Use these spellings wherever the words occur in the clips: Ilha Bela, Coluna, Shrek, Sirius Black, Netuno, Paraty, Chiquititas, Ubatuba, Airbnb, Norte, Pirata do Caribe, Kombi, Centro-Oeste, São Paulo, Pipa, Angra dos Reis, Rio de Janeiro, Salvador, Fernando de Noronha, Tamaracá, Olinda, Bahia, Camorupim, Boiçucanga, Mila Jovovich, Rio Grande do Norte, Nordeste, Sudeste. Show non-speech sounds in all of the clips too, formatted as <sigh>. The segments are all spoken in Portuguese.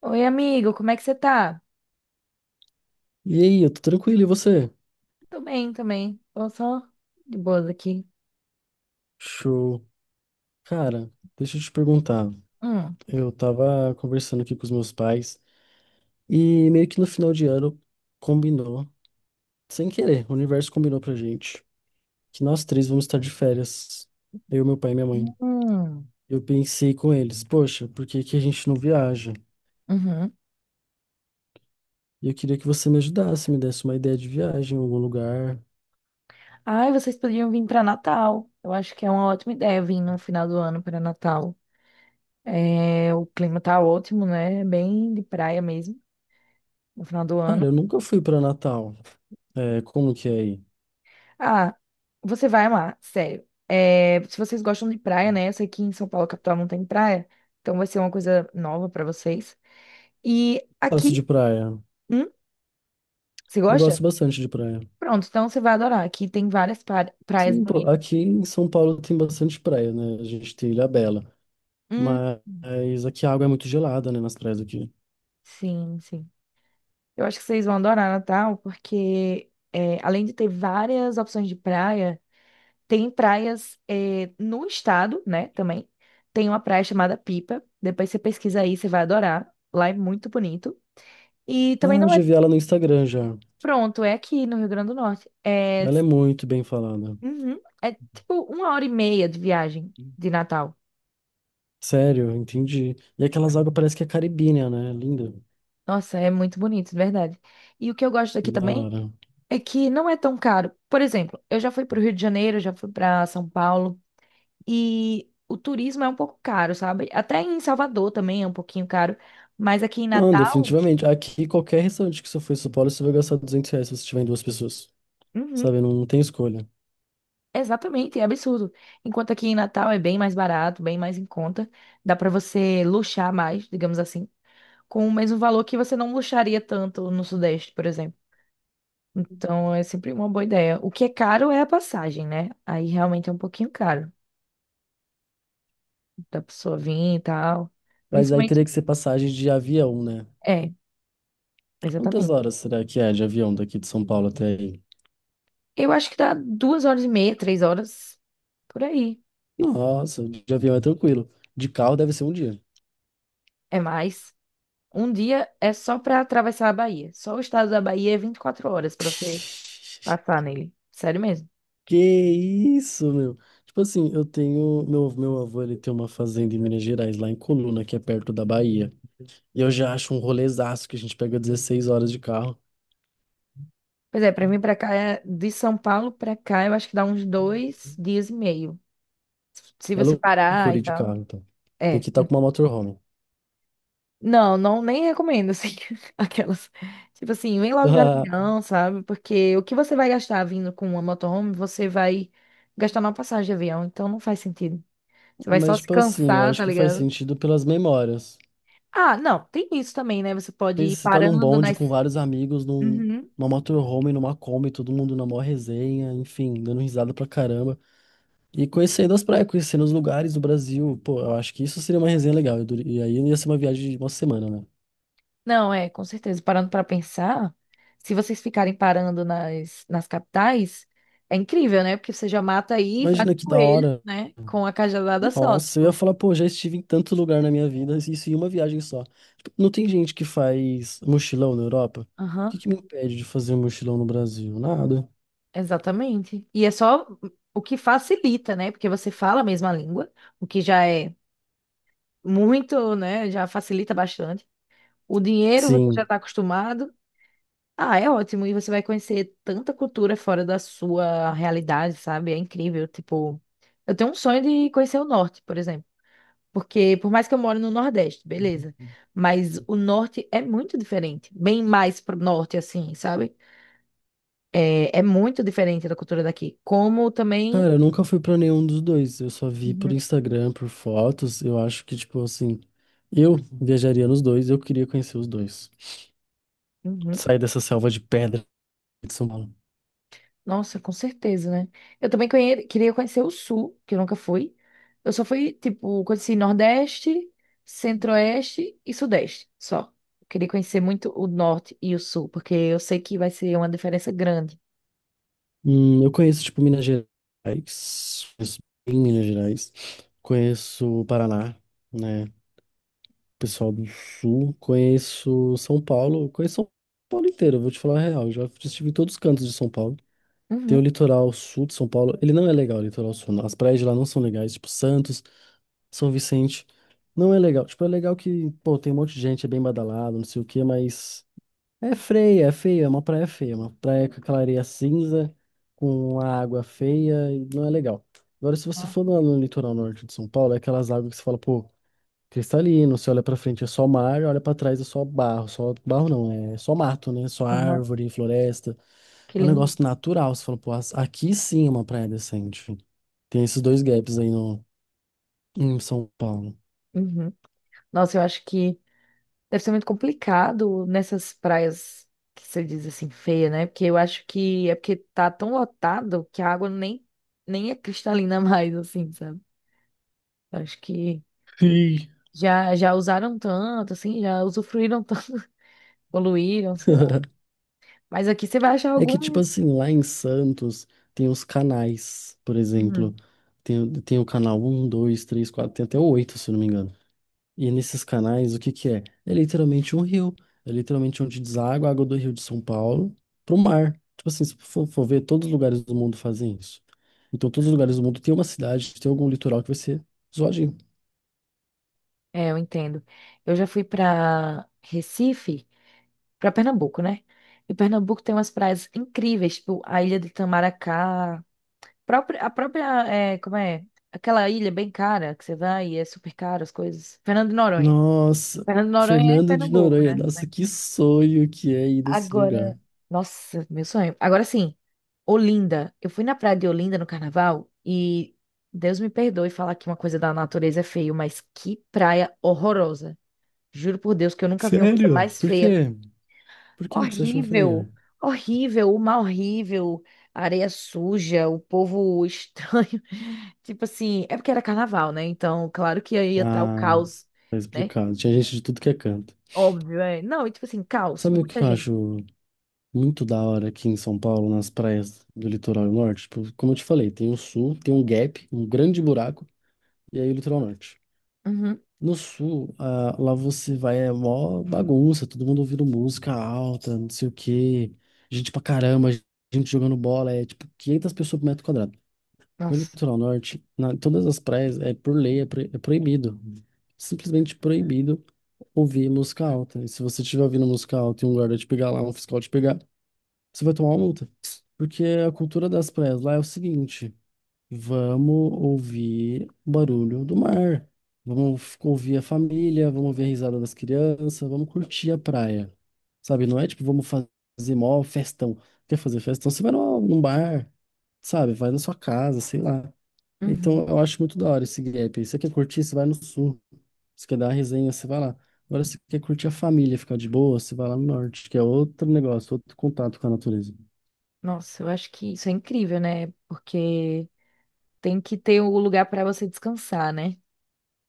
Oi, amigo, como é que você tá? E aí, eu tô tranquilo, e você? Tô bem também. Tô só de boas aqui. Show. Cara, deixa eu te perguntar. Hum. Eu tava conversando aqui com os meus pais e meio que no final de ano combinou, sem querer, o universo combinou pra gente que nós três vamos estar de férias, eu, meu pai e minha Hum, mãe. hum. Eu pensei com eles, poxa, por que que a gente não viaja? Uhum. E eu queria que você me ajudasse, me desse uma ideia de viagem em algum lugar. Ai, vocês podiam vir pra Natal. Eu acho que é uma ótima ideia vir no final do ano pra Natal. É, o clima tá ótimo, né? É bem de praia mesmo, no final do Cara, ano. eu nunca fui pra Natal. É, como que é aí? Ah, você vai amar, sério. É, se vocês gostam de praia, né? Eu sei que em São Paulo, capital, não tem praia. Então vai ser uma coisa nova pra vocês. E Gosto de aqui. praia. Hum? Você Eu gosta? gosto bastante de praia. Pronto, então você vai adorar. Aqui tem várias praias Sim, pô, bonitas. aqui em São Paulo tem bastante praia, né? A gente tem Ilha Bela, Hum, mas aqui a água é muito gelada, né, nas praias aqui. sim, sim. Eu acho que vocês vão adorar Natal, porque é, além de ter várias opções de praia, tem praias é, no estado, né, também. Tem uma praia chamada Pipa. Depois você pesquisa aí, você vai adorar. Lá é muito bonito. E também Ah, eu não é já vi ela no Instagram já. pronto, é aqui no Rio Grande do Norte. É, Ela é muito bem falada. uhum, é tipo 1h30 de viagem de Natal. Sério, entendi. E aquelas águas parece que é caribínea, né? Linda. Nossa, é muito bonito, de verdade. E o que eu gosto daqui Da também hora. é que não é tão caro. Por exemplo, eu já fui para o Rio de Janeiro, já fui para São Paulo e o turismo é um pouco caro, sabe? Até em Salvador também é um pouquinho caro, mas aqui em Não, Natal, definitivamente. Aqui, qualquer restaurante que você for em São Paulo, você vai gastar R$ 200 se você tiver em duas pessoas. uhum, Sabe? Não, tem escolha. exatamente, é absurdo. Enquanto aqui em Natal é bem mais barato, bem mais em conta, dá para você luxar mais, digamos assim, com o mesmo valor que você não luxaria tanto no Sudeste, por exemplo. Então é sempre uma boa ideia. O que é caro é a passagem, né? Aí realmente é um pouquinho caro da pessoa vir e tal. Mas aí teria Principalmente que ser passagem de avião, né? é, Quantas exatamente. horas será que é de avião daqui de São Paulo até aí? Eu acho que dá 2h30, 3 horas, por aí. Nossa, de avião é tranquilo. De carro deve ser um dia. É mais. Um dia é só pra atravessar a Bahia. Só o estado da Bahia é 24 horas pra você passar nele. Sério mesmo. Que isso, meu? Tipo assim, eu tenho. Meu avô, ele tem uma fazenda em Minas Gerais, lá em Coluna, que é perto da Bahia. E eu já acho um rolezaço que a gente pega 16 horas de carro. Pois é, pra mim pra cá, de São Paulo pra cá, eu acho que dá uns 2 dias e meio. Se É você parar loucura e ir de tal. carro, então. Tem É. que estar com uma motorhome. Não, não, nem recomendo, assim, <laughs> aquelas. Tipo assim, vem logo de <laughs> avião, sabe? Porque o que você vai gastar vindo com uma motorhome, você vai gastar numa passagem de avião, então não faz sentido. Você Ah, vai só mas, se tipo assim, eu cansar, acho tá que faz ligado? sentido pelas memórias. Ah, não, tem isso também, né? Você pode Pensa, ir você tá num parando bonde com nas. vários amigos, Uhum. numa motorhome, numa Kombi, todo mundo na maior resenha, enfim, dando risada pra caramba. E conhecendo as praias, conhecendo os lugares do Brasil, pô, eu acho que isso seria uma resenha legal. E aí ia ser uma viagem de uma semana, né? Não, é, com certeza. Parando pra pensar, se vocês ficarem parando nas capitais, é incrível, né? Porque você já mata aí, e vai com Imagina que da coelho, hora. né? Com a cajadada só, Nossa, eu ia tipo. falar, pô, já estive em tanto lugar na minha vida, isso em uma viagem só. Tipo, não tem gente que faz mochilão na Europa? O Aham. que que me impede de fazer um mochilão no Brasil? Nada. Exatamente. E é só o que facilita, né? Porque você fala a mesma língua, o que já é muito, né? Já facilita bastante. O dinheiro você já Sim. está acostumado. Ah, é ótimo. E você vai conhecer tanta cultura fora da sua realidade, sabe? É incrível. Tipo, eu tenho um sonho de conhecer o norte, por exemplo. Porque por mais que eu moro no Nordeste, beleza. Mas o norte é muito diferente. Bem mais pro norte, assim, sabe? É, é muito diferente da cultura daqui. Como também. Cara, eu nunca fui pra nenhum dos dois. Eu só vi por Instagram, por fotos. Eu acho que, tipo assim, eu viajaria nos dois, eu queria conhecer os dois. Uhum. Sair dessa selva de pedra de São Paulo. Nossa, com certeza, né? Eu também queria conhecer o Sul, que eu nunca fui. Eu só fui, tipo, conheci Nordeste, Centro-Oeste e Sudeste, só. Eu queria conhecer muito o Norte e o Sul, porque eu sei que vai ser uma diferença grande. Eu conheço, tipo, Minas Gerais, conheço bem Minas Gerais, conheço o Paraná, né, pessoal do Sul, conheço São Paulo inteiro, vou te falar a real, já estive em todos os cantos de São Paulo. Tem o Uhum. litoral sul de São Paulo, ele não é legal, o litoral sul, não. As praias de lá não são legais, tipo Santos, São Vicente, não é legal. Tipo, é legal que, pô, tem um monte de gente, é bem badalado, não sei o quê, mas é feia, é uma praia feia, uma praia com aquela areia cinza, com a água feia, e não é legal. Agora, se você Ah, for no litoral norte de São Paulo, é aquelas águas que você fala, pô, cristalino, você olha pra frente é só mar, olha pra trás é só barro não, é só mato, né? Só aham. árvore, floresta. Que É um lindo. negócio natural, você fala, pô, aqui sim é uma praia decente. Tem esses dois gaps aí no, em São Paulo. Uhum. Nossa, eu acho que deve ser muito complicado nessas praias que você diz assim, feia, né? Porque eu acho que é porque tá tão lotado que a água nem é cristalina <laughs> mais, assim, sabe? Eu acho que Sim. já usaram tanto, assim, já usufruíram tanto, <laughs> poluíram, sei lá. <laughs> Mas aqui você vai achar É que, tipo alguns. assim, lá em Santos tem os canais, por Uhum. exemplo. Tem o canal um, 2, 3, 4, tem até o 8, se eu não me engano. E nesses canais, o que que é? É literalmente um rio. É literalmente onde deságua a água do Rio de São Paulo pro mar. Tipo assim, se for, ver, todos os lugares do mundo fazem isso. Então, todos os lugares do mundo tem uma cidade, tem algum litoral que vai ser zoadinho. É, eu entendo. Eu já fui para Recife, para Pernambuco, né? E Pernambuco tem umas praias incríveis, tipo a ilha do Tamaracá, própria- a própria, é, como é? Aquela ilha bem cara que você vai e é super caro as coisas. Fernando de Noronha. Nossa, Fernando de Noronha é Fernando de Pernambuco, Noronha, né? nossa, que sonho que é ir nesse Agora, lugar. nossa, meu sonho. Agora sim, Olinda. Eu fui na praia de Olinda no carnaval e Deus me perdoe falar que uma coisa da natureza é feio, mas que praia horrorosa. Juro por Deus que eu nunca vi uma coisa Sério? mais Por feia. quê? Por que que você achou Horrível, feio? horrível, o mar horrível, a areia suja, o povo estranho. <laughs> Tipo assim, é porque era carnaval, né? Então, claro que aí ia estar o Ah, caos, tá né? explicado. Tinha gente de tudo que é canto. Óbvio, é. Não, e tipo assim, caos, Sabe o muita que eu gente. acho muito da hora aqui em São Paulo, nas praias do litoral norte? Tipo, como eu te falei, tem o sul, tem um gap, um grande buraco, e aí o litoral norte. Uhum. No sul, ah, lá você vai, é mó bagunça, todo mundo ouvindo música alta, não sei o quê, gente pra caramba, gente jogando bola, é tipo 500 pessoas por metro quadrado. No Nossa. litoral norte, todas as praias, é por lei, é, é proibido. Simplesmente proibido ouvir música alta. E se você estiver ouvindo música alta e um guarda te pegar lá, um fiscal te pegar, você vai tomar uma multa. Porque a cultura das praias lá é o seguinte. Vamos ouvir o barulho do mar. Ouvir a família, vamos ver a risada das crianças, vamos curtir a praia. Sabe, não é tipo, fazer mó festão. Quer fazer festão? Você vai num bar, sabe? Vai na sua casa, sei lá. Então Uhum. eu acho muito da hora esse gap aí. Você quer curtir, você vai no sul. Você quer dar uma resenha, você vai lá. Agora, se você quer curtir a família, ficar de boa, você vai lá no norte, que é outro negócio, outro contato com a natureza. Nossa, eu acho que isso é incrível, né? Porque tem que ter o lugar para você descansar, né?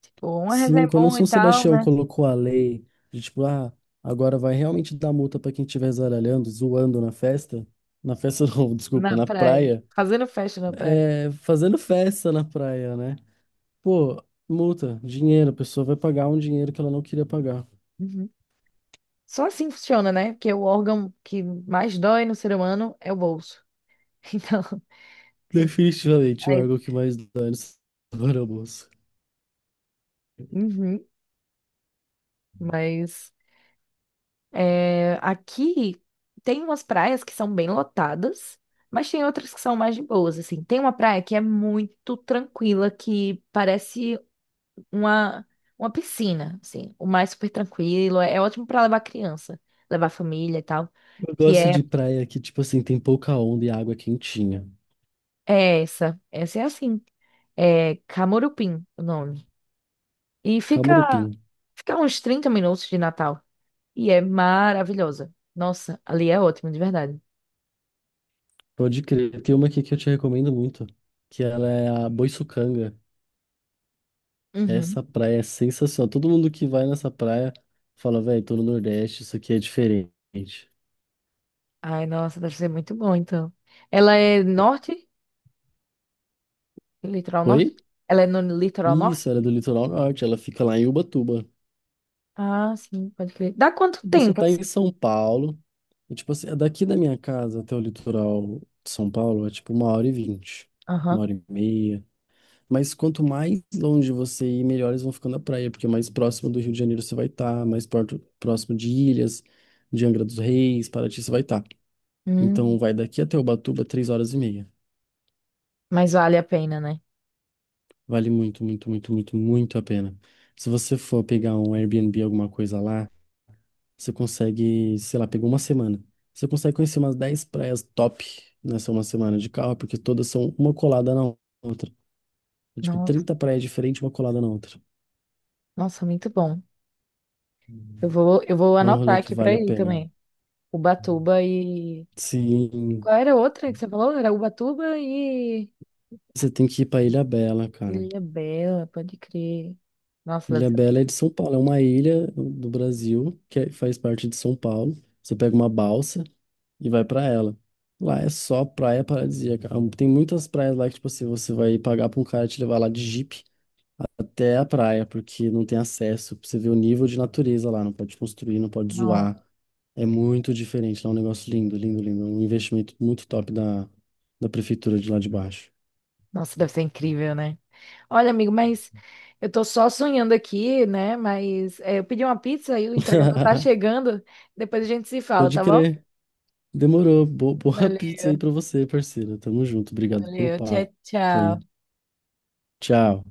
Tipo, uma resenha Sim, é quando o bom e São tal, Sebastião né? colocou a lei de tipo, ah, agora vai realmente dar multa pra quem estiver zaralhando, zoando na festa <laughs> não, Na desculpa, na praia. praia, Fazendo festa na praia. é, fazendo festa na praia, né? Pô, multa, dinheiro, a pessoa vai pagar um dinheiro que ela não queria pagar. Uhum. Só assim funciona, né? Porque o órgão que mais dói no ser humano é o bolso. <laughs> Então, Definitivamente o aí. órgão que mais dá nesse agora, moço. Uhum. Mas é, aqui tem umas praias que são bem lotadas, mas tem outras que são mais de boas, assim. Tem uma praia que é muito tranquila, que parece uma, uma piscina, assim, o mar é super tranquilo, é, é ótimo para levar criança, levar família e tal, Eu que gosto é, de praia que, tipo assim, tem pouca onda e água quentinha. é essa, essa é assim, é Camorupim o nome. E fica, Camurupim, fica uns 30 minutos de Natal, e é maravilhosa. Nossa, ali é ótimo, de verdade. pode crer. Tem uma aqui que eu te recomendo muito, que ela é a Boiçucanga. Uhum. Essa praia é sensacional. Todo mundo que vai nessa praia fala, velho, tô no Nordeste, isso aqui é diferente. Ai, nossa, deve ser muito bom, então. Ela é norte? Litoral norte? Oi? Ela é no litoral norte? Isso, ela é do litoral norte, ela fica lá em Ubatuba. Ah, sim, pode crer. Dá quanto Você tempo, tá assim? em São Paulo, e, tipo assim, é daqui da minha casa até o litoral de São Paulo é tipo uma hora e vinte, uma Aham. hora e meia. Mas quanto mais longe você ir, melhores vão ficando a praia, porque mais próximo do Rio de Janeiro você vai estar, mais perto, próximo de Ilhas, de Angra dos Reis, Paraty você vai estar. Então Hum, vai daqui até Ubatuba, três horas e meia. mas vale a pena, né? Vale muito, muito, muito, muito, muito a pena. Se você for pegar um Airbnb, alguma coisa lá, você consegue, sei lá, pegou uma semana. Você consegue conhecer umas 10 praias top nessa uma semana de carro, porque todas são uma colada na outra. É tipo, Nossa. 30 praias diferentes, uma colada na outra. Nossa, muito bom. Eu vou É um anotar rolê que aqui pra vale a ir pena. também. Ubatuba e. Sim, Qual era a outra que você falou? Era Ubatuba e. você tem que ir pra Ilha Bela cara. Ilha Bela, pode crer. Nossa, deve Ilha ser. Bela é de São Paulo, é uma ilha do Brasil faz parte de São Paulo. Você pega uma balsa e vai pra ela. Lá é só praia paradisíaca. Ah, tem muitas praias lá que, tipo assim, você vai pagar pra um cara te levar lá de Jeep até a praia, porque não tem acesso. Pra você ver o nível de natureza lá, não pode construir, não pode Não. zoar. É muito diferente. Lá é um negócio lindo, lindo, lindo. Um investimento muito top da prefeitura de lá de baixo. Nossa, deve ser incrível, né? Olha, amigo, mas eu tô só sonhando aqui, né? Mas é, eu pedi uma pizza e o entregador tá <laughs> chegando. Depois a gente se fala, Pode tá bom? crer. Demorou. Boa <laughs> Valeu, pizza aí pra você, parceiro. Tamo junto. Obrigado pelo valeu. Tchau, papo aí. tchau. Tchau.